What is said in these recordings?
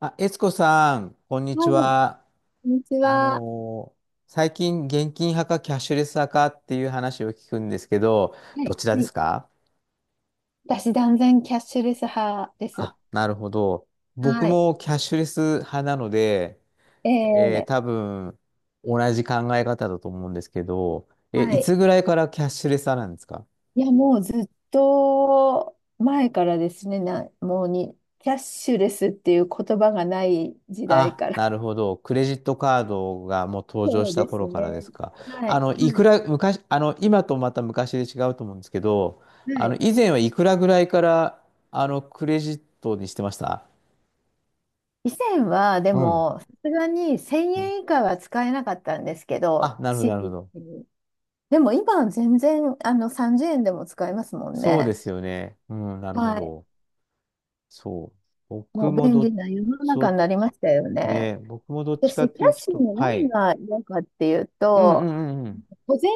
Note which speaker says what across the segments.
Speaker 1: あ、悦子さん、こんに
Speaker 2: は
Speaker 1: ち
Speaker 2: い、
Speaker 1: は。
Speaker 2: こんにち
Speaker 1: あ
Speaker 2: は。
Speaker 1: のー最近、現金派かキャッシュレス派かっていう話を聞くんですけど、
Speaker 2: は
Speaker 1: ど
Speaker 2: い、
Speaker 1: ちら
Speaker 2: は
Speaker 1: で
Speaker 2: い、
Speaker 1: すか？
Speaker 2: 私、断然キャッシュレス派です。
Speaker 1: あ、なるほど。僕
Speaker 2: はい、
Speaker 1: もキャッシュレス派なので、
Speaker 2: えー
Speaker 1: 多分、同じ考え方だと思うんですけど、
Speaker 2: は
Speaker 1: いつ
Speaker 2: い、
Speaker 1: ぐらいからキャッシュレス派なんですか？
Speaker 2: いや、もうずっと前からですね、な、もうに、キャッシュレスっていう言葉がない時代
Speaker 1: あ、
Speaker 2: から。
Speaker 1: なるほど。クレジットカードがもう登場
Speaker 2: そ
Speaker 1: し
Speaker 2: う
Speaker 1: た
Speaker 2: です
Speaker 1: 頃からで
Speaker 2: ね。
Speaker 1: すか。
Speaker 2: はい、
Speaker 1: い
Speaker 2: は
Speaker 1: く
Speaker 2: い、
Speaker 1: ら、昔、今とまた昔で違うと思うんですけど、
Speaker 2: はい、
Speaker 1: 以前はいくらぐらいから、クレジットにしてました？
Speaker 2: 以前は、で
Speaker 1: うん。
Speaker 2: も、さすがに1000
Speaker 1: うん。
Speaker 2: 円以下は使えなかったんですけ
Speaker 1: あ、
Speaker 2: ど、
Speaker 1: なるほど、
Speaker 2: 心
Speaker 1: なるほ
Speaker 2: 理的
Speaker 1: ど。
Speaker 2: に。でも今は全然、30円でも使えますもん
Speaker 1: そうで
Speaker 2: ね。
Speaker 1: すよね。うん、なるほ
Speaker 2: はい。
Speaker 1: ど。そう。
Speaker 2: も
Speaker 1: 僕
Speaker 2: う
Speaker 1: も
Speaker 2: 便利
Speaker 1: ど、
Speaker 2: な世の
Speaker 1: そ
Speaker 2: 中に
Speaker 1: う、
Speaker 2: なりましたよね。
Speaker 1: ね、僕もどっちかっ
Speaker 2: 私、キ
Speaker 1: て
Speaker 2: ャ
Speaker 1: い
Speaker 2: ッ
Speaker 1: う
Speaker 2: シュ
Speaker 1: と、
Speaker 2: の
Speaker 1: は
Speaker 2: 何
Speaker 1: い。
Speaker 2: が嫌かっていう
Speaker 1: うん、う
Speaker 2: と、
Speaker 1: ん、うん、うん。
Speaker 2: 小銭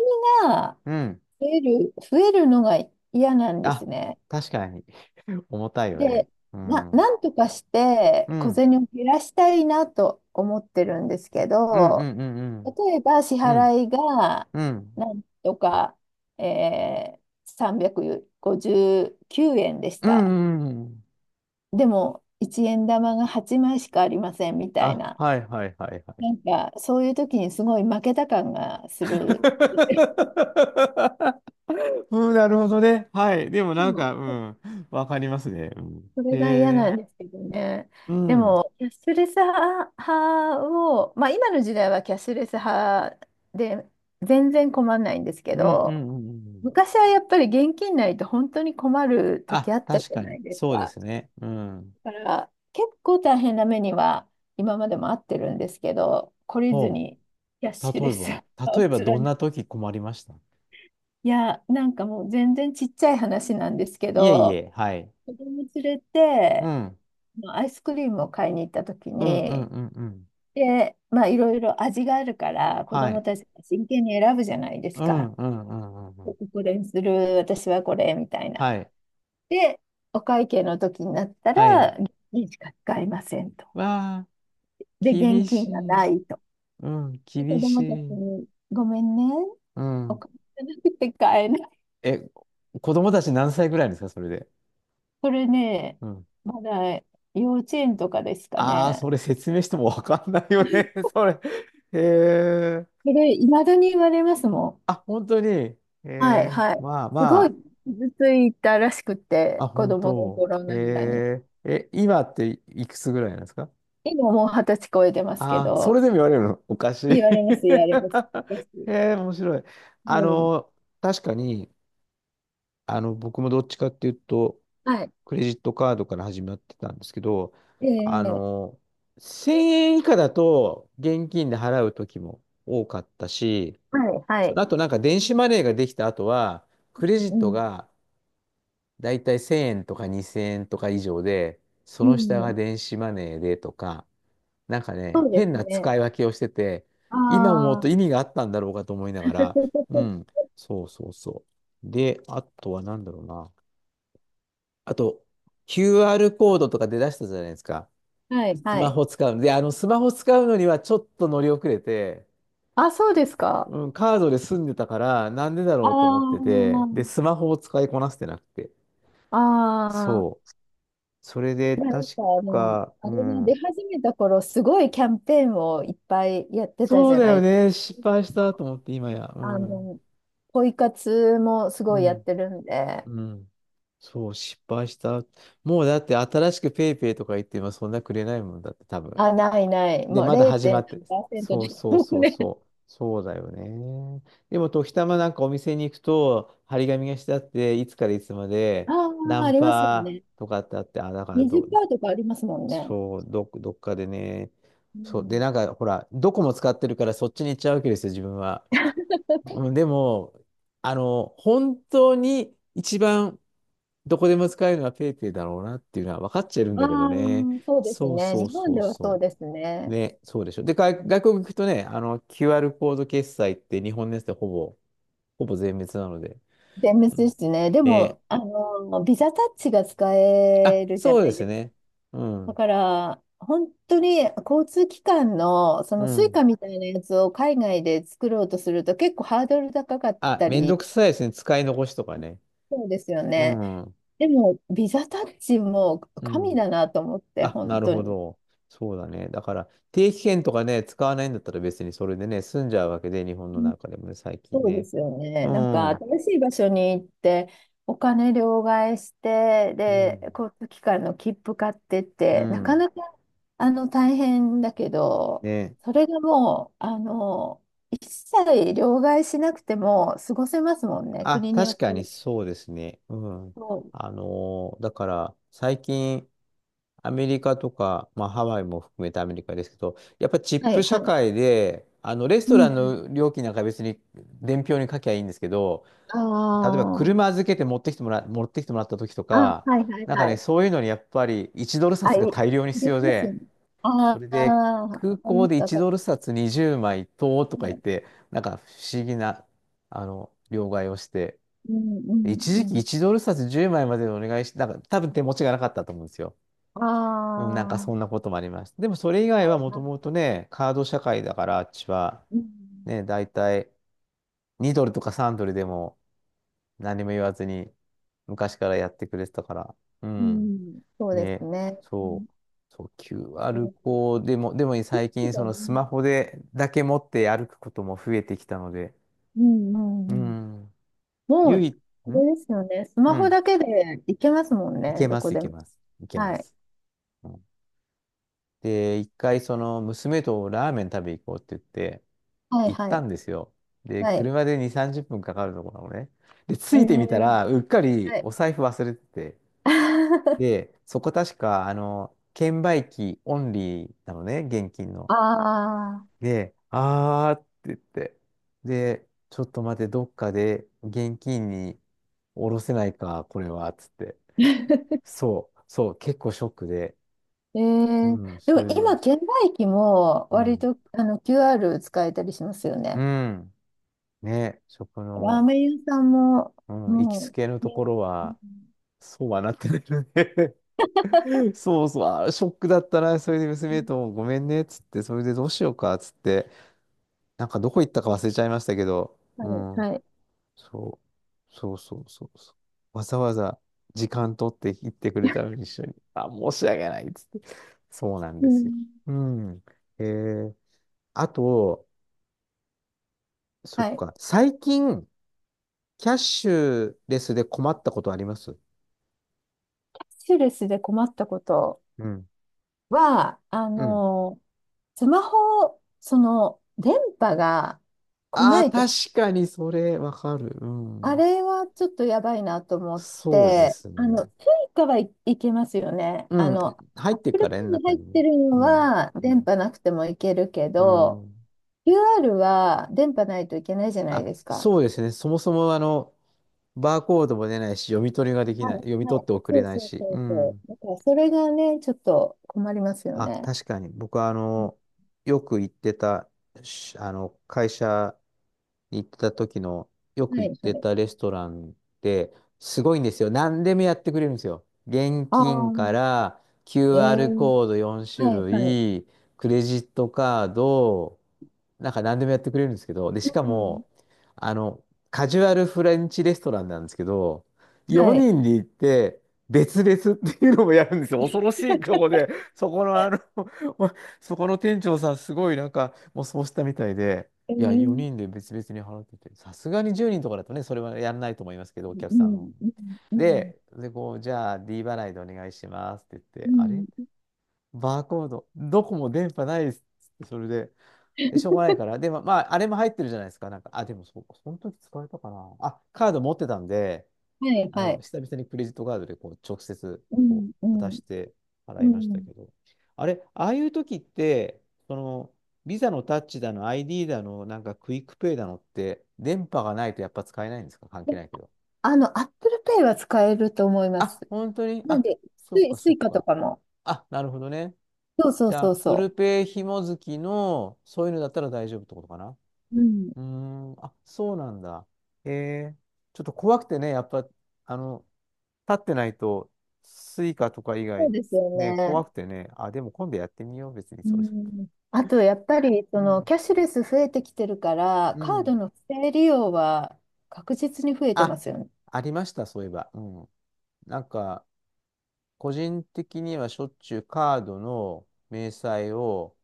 Speaker 2: が
Speaker 1: うん。
Speaker 2: 増えるのが嫌なんです
Speaker 1: あ、
Speaker 2: ね。
Speaker 1: 確かに。重たいよね。
Speaker 2: で、
Speaker 1: うん。うん。
Speaker 2: なんとかし
Speaker 1: う
Speaker 2: て小
Speaker 1: ん、
Speaker 2: 銭を減らしたいなと思ってるんですけ
Speaker 1: うん、う
Speaker 2: ど、
Speaker 1: ん、う
Speaker 2: 例
Speaker 1: ん。
Speaker 2: えば支
Speaker 1: うん、
Speaker 2: 払いが
Speaker 1: うん、
Speaker 2: なんとか、えー、359円でし
Speaker 1: うん、
Speaker 2: た。
Speaker 1: うん、うん。
Speaker 2: でも、1円玉が8枚しかありませんみたい
Speaker 1: あ、
Speaker 2: な。
Speaker 1: はいはいはいはい。
Speaker 2: なんか、そういう時にすごい負けた感がする。
Speaker 1: うん、なるほどね。はい。でも
Speaker 2: で
Speaker 1: なん
Speaker 2: も
Speaker 1: か、うん、わかりますね。うん、
Speaker 2: それが嫌
Speaker 1: へ
Speaker 2: な
Speaker 1: え、
Speaker 2: んですけどね。
Speaker 1: う
Speaker 2: で
Speaker 1: ん、うん、
Speaker 2: も、キャッシュレス派を、まあ今の時代はキャッシュレス派で全然困んないんですけ
Speaker 1: うん、う
Speaker 2: ど、
Speaker 1: ん。うん。
Speaker 2: 昔はやっぱり現金ないと本当に困る時
Speaker 1: あ、
Speaker 2: あったじ
Speaker 1: 確
Speaker 2: ゃ
Speaker 1: か
Speaker 2: な
Speaker 1: に、
Speaker 2: いです
Speaker 1: そうで
Speaker 2: か。
Speaker 1: すね。うん。
Speaker 2: だから結構大変な目には今までもあってるんですけど、懲りず
Speaker 1: そ
Speaker 2: にキャッ
Speaker 1: う。
Speaker 2: シュ
Speaker 1: 例
Speaker 2: レ
Speaker 1: え
Speaker 2: ス
Speaker 1: ば、例
Speaker 2: を
Speaker 1: えばどん
Speaker 2: 貫い
Speaker 1: な
Speaker 2: て。
Speaker 1: 時困りました？
Speaker 2: いや、なんかもう全然ちっちゃい話なんですけ
Speaker 1: いえい
Speaker 2: ど、
Speaker 1: え、はい。
Speaker 2: 子供連れ
Speaker 1: う
Speaker 2: て、
Speaker 1: ん、
Speaker 2: まあアイスクリームを買いに行った時
Speaker 1: うん、うん、
Speaker 2: に、
Speaker 1: うん、うん。
Speaker 2: で、まあいろいろ味があるから、子
Speaker 1: は
Speaker 2: 供
Speaker 1: い。
Speaker 2: たちが真剣に選ぶじゃないです
Speaker 1: う
Speaker 2: か。
Speaker 1: ん、うん、うん、うん。う
Speaker 2: こ
Speaker 1: ん。
Speaker 2: これにする、私はこれ、みたいな。
Speaker 1: はい。
Speaker 2: で、お会計の時になった
Speaker 1: はい。
Speaker 2: ら、現金しか使いませんと。
Speaker 1: わあ、
Speaker 2: で、現
Speaker 1: 厳し
Speaker 2: 金が
Speaker 1: い。
Speaker 2: ないと。
Speaker 1: うん、
Speaker 2: で、
Speaker 1: 厳
Speaker 2: 子
Speaker 1: し
Speaker 2: 供たち
Speaker 1: い。
Speaker 2: に、ごめんね、
Speaker 1: う
Speaker 2: お
Speaker 1: ん。
Speaker 2: 金がなくて買えない。
Speaker 1: え、子供たち何歳ぐらいですか、それで？
Speaker 2: これね、
Speaker 1: うん。
Speaker 2: まだ幼稚園とかですか
Speaker 1: ああ、
Speaker 2: ね。
Speaker 1: それ説明してもわかんないよね、
Speaker 2: そ
Speaker 1: それ。へえ。
Speaker 2: れ、いまだに言われますも
Speaker 1: あ、本当に。え
Speaker 2: ん。はい、
Speaker 1: え、
Speaker 2: はい。
Speaker 1: まあ
Speaker 2: すごい
Speaker 1: ま
Speaker 2: 傷ついたらしく
Speaker 1: あ、
Speaker 2: て、
Speaker 1: あ、
Speaker 2: 子
Speaker 1: 本
Speaker 2: 供の
Speaker 1: 当。
Speaker 2: 頃
Speaker 1: え
Speaker 2: ながらに。
Speaker 1: え、今っていくつぐらいなんですか？
Speaker 2: 今もう二十歳超えてますけ
Speaker 1: ああ、そ
Speaker 2: ど、
Speaker 1: れでも言われるのおかしい。
Speaker 2: 言われます、言われます。昔
Speaker 1: ええ、面白い。
Speaker 2: だ
Speaker 1: あ
Speaker 2: か
Speaker 1: の、確かに、僕もどっちかっていうと、
Speaker 2: ら、はい。
Speaker 1: クレジットカードから始まってたんですけど、あ
Speaker 2: ええ、
Speaker 1: の、1000円以下だと現金で払う時も多かったし、
Speaker 2: はい、は
Speaker 1: その
Speaker 2: い。
Speaker 1: 後なんか電子マネーができた後は、クレジッ
Speaker 2: う
Speaker 1: ト
Speaker 2: ん、
Speaker 1: がだいたい1000円とか2000円とか以上で、そ
Speaker 2: う
Speaker 1: の下
Speaker 2: ん、う
Speaker 1: が
Speaker 2: ん、
Speaker 1: 電子マネーでとか、なんか
Speaker 2: そ
Speaker 1: ね、
Speaker 2: うで
Speaker 1: 変
Speaker 2: す
Speaker 1: な使
Speaker 2: ね。
Speaker 1: い分けをしてて、今思う
Speaker 2: あ
Speaker 1: と
Speaker 2: あ、
Speaker 1: 意味があったんだろうかと思いながら、うん、そうそうそう。で、あとは何だろうな。あと、QR コードとか出だしたじゃないですか。
Speaker 2: はい、
Speaker 1: ス
Speaker 2: は
Speaker 1: マ
Speaker 2: い。
Speaker 1: ホ使うの。で、スマホ使うのにはちょっと乗り遅れて、
Speaker 2: あ、そうですか。
Speaker 1: うん、カードで済んでたから、なんでだ
Speaker 2: あ
Speaker 1: ろ
Speaker 2: あ、
Speaker 1: うと思ってて、で、スマホを使いこなせてなくて。
Speaker 2: あ
Speaker 1: そ
Speaker 2: あ。
Speaker 1: う。それで、
Speaker 2: まあ、なんか、
Speaker 1: 確
Speaker 2: あの、
Speaker 1: か、
Speaker 2: あ
Speaker 1: う
Speaker 2: れが出
Speaker 1: ん。
Speaker 2: 始めた頃、すごいキャンペーンをいっぱいやってた
Speaker 1: そ
Speaker 2: じ
Speaker 1: う
Speaker 2: ゃ
Speaker 1: だ
Speaker 2: な
Speaker 1: よ
Speaker 2: い。
Speaker 1: ね。失敗したと思って、今や。う
Speaker 2: あ
Speaker 1: ん。
Speaker 2: の、ポイ活もすご
Speaker 1: う
Speaker 2: いやっ
Speaker 1: ん。
Speaker 2: てるんで、
Speaker 1: うん。そう、失敗した。もうだって、新しくペイペイとか言って、今そんなくれないもんだって、多分。
Speaker 2: あ、ないない、
Speaker 1: で、
Speaker 2: もう
Speaker 1: まだ始ま
Speaker 2: 0. 何
Speaker 1: って、
Speaker 2: パーセント
Speaker 1: そ
Speaker 2: で
Speaker 1: う
Speaker 2: す
Speaker 1: そう
Speaker 2: もん
Speaker 1: そう
Speaker 2: ね。
Speaker 1: そう、そうだよね。でも、時たまなんかお店に行くと、張り紙がしてあって、いつからいつまで、
Speaker 2: あ
Speaker 1: ナ
Speaker 2: あ、あ
Speaker 1: ン
Speaker 2: りますよ
Speaker 1: パ
Speaker 2: ね。
Speaker 1: とかってあって、あ、だからど、
Speaker 2: 20%とかありますもんね。
Speaker 1: そう、どっかでね、
Speaker 2: う
Speaker 1: そう、で、
Speaker 2: ん、
Speaker 1: なんか、ほら、どこも使ってるから、そっちに行っちゃうわけですよ、自分は。うん、でも、本当に一番どこでも使えるのはペイペイだろうなっていうのは分かっちゃいるん
Speaker 2: あ
Speaker 1: だけど
Speaker 2: あ、
Speaker 1: ね。
Speaker 2: そうです
Speaker 1: そう
Speaker 2: ね。
Speaker 1: そう
Speaker 2: 日本
Speaker 1: そう
Speaker 2: ではそう
Speaker 1: そ
Speaker 2: です
Speaker 1: う。
Speaker 2: ね。
Speaker 1: ね、そうでしょ。で、外国行くとね、QR コード決済って日本のやつでほぼ、ほぼ全滅なので。
Speaker 2: 全滅
Speaker 1: う
Speaker 2: で
Speaker 1: ん。
Speaker 2: すね。で
Speaker 1: ね。
Speaker 2: も、あの、ビザタッチが使
Speaker 1: あ、
Speaker 2: えるじゃ
Speaker 1: そう
Speaker 2: な
Speaker 1: で
Speaker 2: い
Speaker 1: す
Speaker 2: ですか。
Speaker 1: ね。う
Speaker 2: だ
Speaker 1: ん。
Speaker 2: から、本当に交通機関のそ
Speaker 1: う
Speaker 2: のスイ
Speaker 1: ん。
Speaker 2: カみたいなやつを海外で作ろうとすると結構ハードル高かっ
Speaker 1: あ、
Speaker 2: た
Speaker 1: めんど
Speaker 2: り、
Speaker 1: くさいですね。使い残しとかね。
Speaker 2: そうですよ
Speaker 1: う
Speaker 2: ね。
Speaker 1: ん。
Speaker 2: でも、ビザタッチも
Speaker 1: う
Speaker 2: 神
Speaker 1: ん。
Speaker 2: だなと思って、
Speaker 1: あ、
Speaker 2: 本
Speaker 1: なる
Speaker 2: 当
Speaker 1: ほ
Speaker 2: に。
Speaker 1: ど。そうだね。だから、定期券とかね、使わないんだったら別にそれでね、済んじゃうわけで、日本の中でもね、最近
Speaker 2: そうで
Speaker 1: ね。
Speaker 2: すよ
Speaker 1: う
Speaker 2: ね。なんか
Speaker 1: ん。う
Speaker 2: 新しい場所に行ってお金両替して
Speaker 1: ん。
Speaker 2: で交通機関の切符買ってっ
Speaker 1: う
Speaker 2: て、なか
Speaker 1: ん。
Speaker 2: なかあの大変だけど、
Speaker 1: ね。
Speaker 2: それがもうあの一切両替しなくても過ごせますもんね、
Speaker 1: あ、
Speaker 2: 国によ
Speaker 1: 確
Speaker 2: っ
Speaker 1: か
Speaker 2: ては。
Speaker 1: にそうですね。うん。
Speaker 2: そ
Speaker 1: だから、最近、アメリカとか、まあ、ハワイも含めてアメリカですけど、やっぱチ
Speaker 2: う、
Speaker 1: ッ
Speaker 2: は
Speaker 1: プ
Speaker 2: いは
Speaker 1: 社
Speaker 2: い。
Speaker 1: 会で、レス
Speaker 2: う
Speaker 1: トラン
Speaker 2: ん。
Speaker 1: の料金なんか別に伝票に書きゃいいんですけど、
Speaker 2: あ
Speaker 1: 例えば車
Speaker 2: あ。
Speaker 1: 預けて持ってきてもらった時と
Speaker 2: あ、
Speaker 1: か、
Speaker 2: はいはい
Speaker 1: なんか
Speaker 2: は
Speaker 1: ね、
Speaker 2: い。
Speaker 1: そういうのにやっぱり1ドル
Speaker 2: あ、
Speaker 1: 札が大量に必
Speaker 2: で
Speaker 1: 要
Speaker 2: きますよ
Speaker 1: で、
Speaker 2: ね。
Speaker 1: そ
Speaker 2: あ
Speaker 1: れ
Speaker 2: あ、
Speaker 1: で
Speaker 2: わか
Speaker 1: 空
Speaker 2: りま
Speaker 1: 港
Speaker 2: す、
Speaker 1: で
Speaker 2: わ
Speaker 1: 1
Speaker 2: か
Speaker 1: ドル札20枚とと
Speaker 2: り
Speaker 1: か言
Speaker 2: ま
Speaker 1: っ
Speaker 2: す。
Speaker 1: て、なんか不思議な、両替をして、
Speaker 2: うんうん
Speaker 1: 一
Speaker 2: う
Speaker 1: 時期
Speaker 2: ん。
Speaker 1: 1ドル札10枚まいまでお願いして、なんか多分手持ちがなかったと思うんですよ。
Speaker 2: あ
Speaker 1: うん、なんかそんな
Speaker 2: あ。
Speaker 1: こともありました。でもそれ以外
Speaker 2: は
Speaker 1: はも
Speaker 2: い
Speaker 1: と
Speaker 2: は
Speaker 1: もと
Speaker 2: い、
Speaker 1: ね、カード社会だからあっちは、
Speaker 2: うん、
Speaker 1: ね、だいたい2ドルとか3ドルでも何も言わずに昔からやってくれてたから。う
Speaker 2: う
Speaker 1: ん。
Speaker 2: ん、そうです
Speaker 1: ね、
Speaker 2: ね。う
Speaker 1: そ
Speaker 2: ん、
Speaker 1: う。そう、q
Speaker 2: え
Speaker 1: ル
Speaker 2: ー
Speaker 1: コードでも、でも最
Speaker 2: そう
Speaker 1: 近そ
Speaker 2: だ
Speaker 1: のス
Speaker 2: ね、
Speaker 1: マホでだけ持って歩くことも増えてきたので、
Speaker 2: うん、う
Speaker 1: う
Speaker 2: ん、うん。
Speaker 1: ん。
Speaker 2: も
Speaker 1: 唯
Speaker 2: う、
Speaker 1: 一、
Speaker 2: あ
Speaker 1: ん
Speaker 2: れですよね。スマ
Speaker 1: う
Speaker 2: ホ
Speaker 1: ん。
Speaker 2: だけでいけますもん
Speaker 1: い
Speaker 2: ね、
Speaker 1: け
Speaker 2: ど
Speaker 1: ま
Speaker 2: こ
Speaker 1: す、い
Speaker 2: で
Speaker 1: け
Speaker 2: も。
Speaker 1: ます。いけま
Speaker 2: はい。
Speaker 1: す。うん。で、一回その娘とラーメン食べ行こうって言って、
Speaker 2: はい、
Speaker 1: 行っ
Speaker 2: は
Speaker 1: た
Speaker 2: い、
Speaker 1: んですよ。で、
Speaker 2: はい。
Speaker 1: 車で2、30分かかるところなのね。で、
Speaker 2: え
Speaker 1: 着いてみた
Speaker 2: ー、
Speaker 1: ら、うっかり
Speaker 2: は
Speaker 1: お
Speaker 2: い。
Speaker 1: 財布忘れてて。で、そこ確か、券売機オンリーなのね、現金の。
Speaker 2: ああ。
Speaker 1: で、あーって言って。で、ちょっと待って、どっかで現金に下ろせないか、これは、つって。そう、そう、結構ショックで。うん、
Speaker 2: で
Speaker 1: そ
Speaker 2: も
Speaker 1: れで。
Speaker 2: 今、券売機も
Speaker 1: う
Speaker 2: 割
Speaker 1: ん。
Speaker 2: とあの QR 使えたりしますよ
Speaker 1: う
Speaker 2: ね。
Speaker 1: ん。ね、食
Speaker 2: ラー
Speaker 1: の、
Speaker 2: メン屋さんも、
Speaker 1: うん、行きつ
Speaker 2: も
Speaker 1: けの
Speaker 2: う、
Speaker 1: とこ
Speaker 2: ね、
Speaker 1: ろ
Speaker 2: うん、
Speaker 1: は、そうはなってないよね。 そうそう、あー、ショックだったな、それで娘ともごめんね、っつって、それでどうしようか、っつって、なんかどこ行ったか忘れちゃいましたけど、
Speaker 2: は
Speaker 1: う
Speaker 2: い、
Speaker 1: ん、
Speaker 2: はい。
Speaker 1: そう、そうそうそうそう。わざわざ時間取って行ってくれたのに一緒に、あ、申し訳ない、っつって。そうなん
Speaker 2: う
Speaker 1: ですよ。
Speaker 2: ん、
Speaker 1: うん。えー、あと、そっ
Speaker 2: はい。
Speaker 1: か、最近、キャッシュレスで困ったことあります？
Speaker 2: スキルスで困ったこと
Speaker 1: うん。
Speaker 2: は、あ
Speaker 1: うん。
Speaker 2: の、スマホ、その、電波が来
Speaker 1: あ
Speaker 2: な
Speaker 1: あ、
Speaker 2: いと、
Speaker 1: 確かにそれわかる。う
Speaker 2: あ
Speaker 1: ん。
Speaker 2: れはちょっとやばいなと思っ
Speaker 1: そうで
Speaker 2: て、
Speaker 1: す
Speaker 2: あ
Speaker 1: ね。
Speaker 2: の、スイカはいいけますよね。
Speaker 1: う
Speaker 2: あ
Speaker 1: ん。
Speaker 2: の、
Speaker 1: 入ってっ
Speaker 2: Apple
Speaker 1: からね、
Speaker 2: Pay に
Speaker 1: 中
Speaker 2: 入っ
Speaker 1: にね。
Speaker 2: てるの
Speaker 1: うん。
Speaker 2: は、
Speaker 1: う
Speaker 2: 電
Speaker 1: ん。
Speaker 2: 波なくてもいけるけ
Speaker 1: う
Speaker 2: ど、
Speaker 1: ん。
Speaker 2: QR は電波ないといけないじゃない
Speaker 1: あ、
Speaker 2: ですか。
Speaker 1: そうですね。そもそもバーコードも出ないし、読み取りができ
Speaker 2: は
Speaker 1: ない、読
Speaker 2: い、
Speaker 1: み取
Speaker 2: は
Speaker 1: っ
Speaker 2: い。
Speaker 1: て送れ
Speaker 2: そう
Speaker 1: ない
Speaker 2: そう
Speaker 1: し。
Speaker 2: そ
Speaker 1: う
Speaker 2: うそ
Speaker 1: ん。
Speaker 2: う。だから、それがね、ちょっと困りますよ
Speaker 1: あ、
Speaker 2: ね。
Speaker 1: 確かに。僕はよく行ってた、し会社行ってた時の、よく
Speaker 2: は
Speaker 1: 行っ
Speaker 2: い、は
Speaker 1: て
Speaker 2: い。
Speaker 1: たレストランって、すごいんですよ。何でもやってくれるんですよ。現
Speaker 2: ああ。
Speaker 1: 金から
Speaker 2: え
Speaker 1: QR
Speaker 2: ー
Speaker 1: コード4種
Speaker 2: はい、はい。
Speaker 1: 類、クレジットカード、なんか何でもやってくれるんですけど、で、しか
Speaker 2: うん。
Speaker 1: も、あの、カジュアルフレンチレストランなんですけど、
Speaker 2: はい。
Speaker 1: 4人で行って、別々っていうのもやるんですよ。恐ろしいとこで、そこのそこの店長さん、すごいなんか、もうそうしたみたいで、
Speaker 2: う
Speaker 1: いや、
Speaker 2: ん、
Speaker 1: 4人で別々に払ってて、さすがに10人とかだとね、それはやんないと思いますけど、お客
Speaker 2: う
Speaker 1: さんの。
Speaker 2: ん、うん、
Speaker 1: で、で、こう、じゃあ D 払いでお願いしますって言っ
Speaker 2: う
Speaker 1: て、あれ
Speaker 2: ん。
Speaker 1: バーコード、どこも電波ないですって、それで、でしょうがないから、でも、まあ、あれも入ってるじゃないですか、なんか、あ、でもそう、その時使えたかな。あ、カード持ってたんで、
Speaker 2: はい、はい。
Speaker 1: 久々にクレジットカードでこう直接
Speaker 2: う
Speaker 1: こ
Speaker 2: ん、う
Speaker 1: う渡
Speaker 2: ん、
Speaker 1: して
Speaker 2: う
Speaker 1: 払いました
Speaker 2: ん。
Speaker 1: けど、あれ、ああいう時って、その、ビザのタッチだの、ID だの、なんかクイックペイだのって、電波がないとやっぱ使えないんですか関
Speaker 2: え
Speaker 1: 係ないけど。
Speaker 2: あの、アップルペイは使えると思います。
Speaker 1: あ、本当に
Speaker 2: なん
Speaker 1: あ、
Speaker 2: で、
Speaker 1: そっか
Speaker 2: ス
Speaker 1: そ
Speaker 2: イ
Speaker 1: っ
Speaker 2: カと
Speaker 1: か。
Speaker 2: かも。
Speaker 1: あ、なるほどね。
Speaker 2: そうそ
Speaker 1: じ
Speaker 2: う
Speaker 1: ゃあ、
Speaker 2: そう
Speaker 1: Apple
Speaker 2: そ
Speaker 1: Pay 紐付きの、そういうのだったら大丈夫ってことかな。
Speaker 2: う。うん。
Speaker 1: うーん、あ、そうなんだ。へえ。ちょっと怖くてね、やっぱ、あの、立ってないと、スイカとか以
Speaker 2: そう
Speaker 1: 外、
Speaker 2: ですよ
Speaker 1: ね、
Speaker 2: ね。
Speaker 1: 怖くてね、あ、でも今度やってみよう、別に
Speaker 2: う
Speaker 1: それ。
Speaker 2: ん。あと、やっぱり、
Speaker 1: う
Speaker 2: そ
Speaker 1: ん。
Speaker 2: の、キャッシュレス増えてきてるから、
Speaker 1: う
Speaker 2: カード
Speaker 1: ん。
Speaker 2: の不正利用は確実に増えてま
Speaker 1: あ、
Speaker 2: すよね。
Speaker 1: ありました、そういえば。うん。なんか、個人的にはしょっちゅうカードの明細を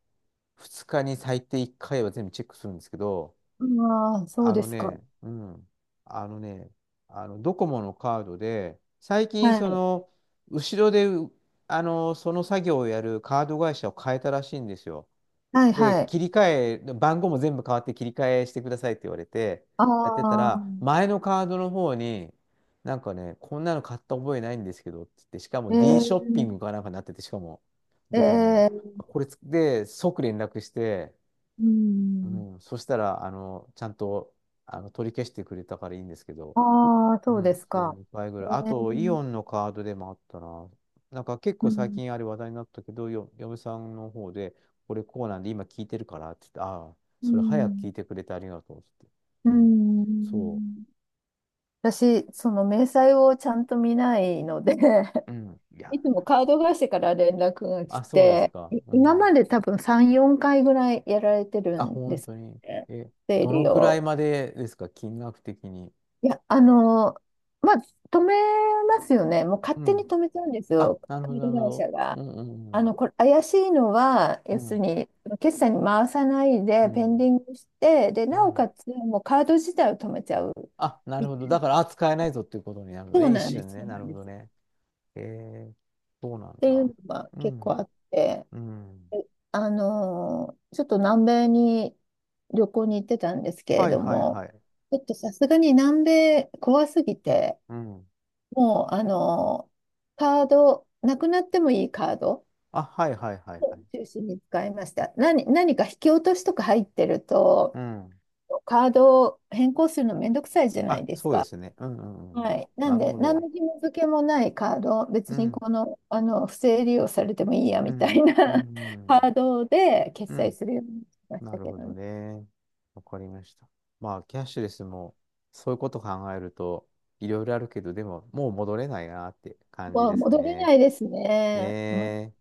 Speaker 1: 2日に最低1回は全部チェックするんですけど、
Speaker 2: ああ、そう
Speaker 1: あ
Speaker 2: で
Speaker 1: の
Speaker 2: すか。
Speaker 1: ね、うん、あのね、あのドコモのカードで、最近、
Speaker 2: はい。
Speaker 1: 後ろでその作業をやるカード会社を変えたらしいんですよ。
Speaker 2: はい、
Speaker 1: で、
Speaker 2: はい。
Speaker 1: 切り替え、番号も全部変わって切り替えしてくださいって言われて、やってた
Speaker 2: あ
Speaker 1: ら、
Speaker 2: あ。
Speaker 1: 前のカードの方に、なんかね、こんなの買った覚えないんですけどって言って、しか
Speaker 2: え
Speaker 1: も D ショッピ
Speaker 2: ー、
Speaker 1: ングかなんかになってて、しかも、ドコモ
Speaker 2: え
Speaker 1: の。
Speaker 2: ー、
Speaker 1: これつで、即連絡して、
Speaker 2: う
Speaker 1: う
Speaker 2: ん。
Speaker 1: ん、そしたら、ちゃんと、取り消してくれたからいいんですけど、
Speaker 2: ああ、
Speaker 1: う
Speaker 2: そう
Speaker 1: ん、
Speaker 2: です
Speaker 1: そう、
Speaker 2: か。
Speaker 1: 2回ぐ
Speaker 2: え
Speaker 1: らい。あと、イ
Speaker 2: ー、
Speaker 1: オンのカードでもあったな。なんか結
Speaker 2: う
Speaker 1: 構最
Speaker 2: ん、
Speaker 1: 近あれ話題になったけど、嫁さんの方で、これこうなんで今聞いてるからって言って、ああ、
Speaker 2: う
Speaker 1: それ早く
Speaker 2: ん。
Speaker 1: 聞いてくれてありがとうって
Speaker 2: う
Speaker 1: 言って。うん、そ
Speaker 2: ん。私、その明細をちゃんと見ないので
Speaker 1: う。うん、いや、
Speaker 2: いつもカード会社から連絡が来
Speaker 1: あ、そうです
Speaker 2: て、
Speaker 1: か。う
Speaker 2: 今ま
Speaker 1: ん。
Speaker 2: で多分3、4回ぐらいやられてる
Speaker 1: あ、
Speaker 2: んで
Speaker 1: 本
Speaker 2: す
Speaker 1: 当に。
Speaker 2: よね。
Speaker 1: え、
Speaker 2: 整
Speaker 1: どの
Speaker 2: 理
Speaker 1: くらい
Speaker 2: を。
Speaker 1: までですか、金額的に。
Speaker 2: いや、まあ、止めますよね。もう勝
Speaker 1: う
Speaker 2: 手に
Speaker 1: ん。
Speaker 2: 止めちゃうんです
Speaker 1: あ、
Speaker 2: よ、
Speaker 1: なる
Speaker 2: カ
Speaker 1: ほど、
Speaker 2: ー
Speaker 1: な
Speaker 2: ド
Speaker 1: るほ
Speaker 2: 会
Speaker 1: ど。
Speaker 2: 社が。
Speaker 1: うん、
Speaker 2: あ
Speaker 1: う
Speaker 2: の、
Speaker 1: ん、
Speaker 2: これ、怪しいのは、
Speaker 1: う
Speaker 2: 要
Speaker 1: ん。
Speaker 2: する
Speaker 1: う
Speaker 2: に、決済に回さない
Speaker 1: ん、う
Speaker 2: で、ペン
Speaker 1: ん。
Speaker 2: ディングして、で、
Speaker 1: う
Speaker 2: なお
Speaker 1: ん。
Speaker 2: かつ、もうカード自体を止めちゃう。
Speaker 1: あ、なる
Speaker 2: み
Speaker 1: ほど。だから、あ、使えないぞっていうことになるの
Speaker 2: そう
Speaker 1: ね。一
Speaker 2: なんで
Speaker 1: 瞬
Speaker 2: す、
Speaker 1: ね。
Speaker 2: そう
Speaker 1: な
Speaker 2: な
Speaker 1: る
Speaker 2: ん
Speaker 1: ほ
Speaker 2: で
Speaker 1: ど
Speaker 2: す。っ
Speaker 1: ね。えー、そうなん
Speaker 2: ていう
Speaker 1: だ。
Speaker 2: のが
Speaker 1: う
Speaker 2: 結構
Speaker 1: ん。
Speaker 2: あって、
Speaker 1: うん。
Speaker 2: で、ちょっと南米に旅行に行ってたんですけれ
Speaker 1: はい
Speaker 2: ど
Speaker 1: はい
Speaker 2: も、
Speaker 1: はい。
Speaker 2: ちょっとさすがに南米怖すぎて、
Speaker 1: うん。
Speaker 2: もう、あの、カード、なくなってもいいカード
Speaker 1: あ、はいはいはいは
Speaker 2: を
Speaker 1: い。
Speaker 2: 中心に使いました。何か引き落としとか入ってると、
Speaker 1: うん。
Speaker 2: カードを変更するのめんどくさいじゃない
Speaker 1: あ、
Speaker 2: です
Speaker 1: そうで
Speaker 2: か。
Speaker 1: すね。うんうんう
Speaker 2: は
Speaker 1: ん。
Speaker 2: い。な
Speaker 1: な
Speaker 2: ん
Speaker 1: る
Speaker 2: で、
Speaker 1: ほ
Speaker 2: 何
Speaker 1: ど。
Speaker 2: の紐付けもないカード、別
Speaker 1: う
Speaker 2: に
Speaker 1: ん。
Speaker 2: この、あの、不正利用されてもいいや
Speaker 1: う
Speaker 2: みた
Speaker 1: ん。
Speaker 2: いな
Speaker 1: う
Speaker 2: カー
Speaker 1: ん。
Speaker 2: ドで決
Speaker 1: う
Speaker 2: 済
Speaker 1: ん。
Speaker 2: するようにしまし
Speaker 1: な
Speaker 2: た
Speaker 1: る
Speaker 2: け
Speaker 1: ほ
Speaker 2: ど
Speaker 1: ど
Speaker 2: ね。
Speaker 1: ね。わかりました。まあ、キャッシュレスも、そういうこと考えると、いろいろあるけど、でも、もう戻れないなって感じ
Speaker 2: もう
Speaker 1: です
Speaker 2: 戻れ
Speaker 1: ね。
Speaker 2: ないです
Speaker 1: ね
Speaker 2: ね。もう
Speaker 1: え。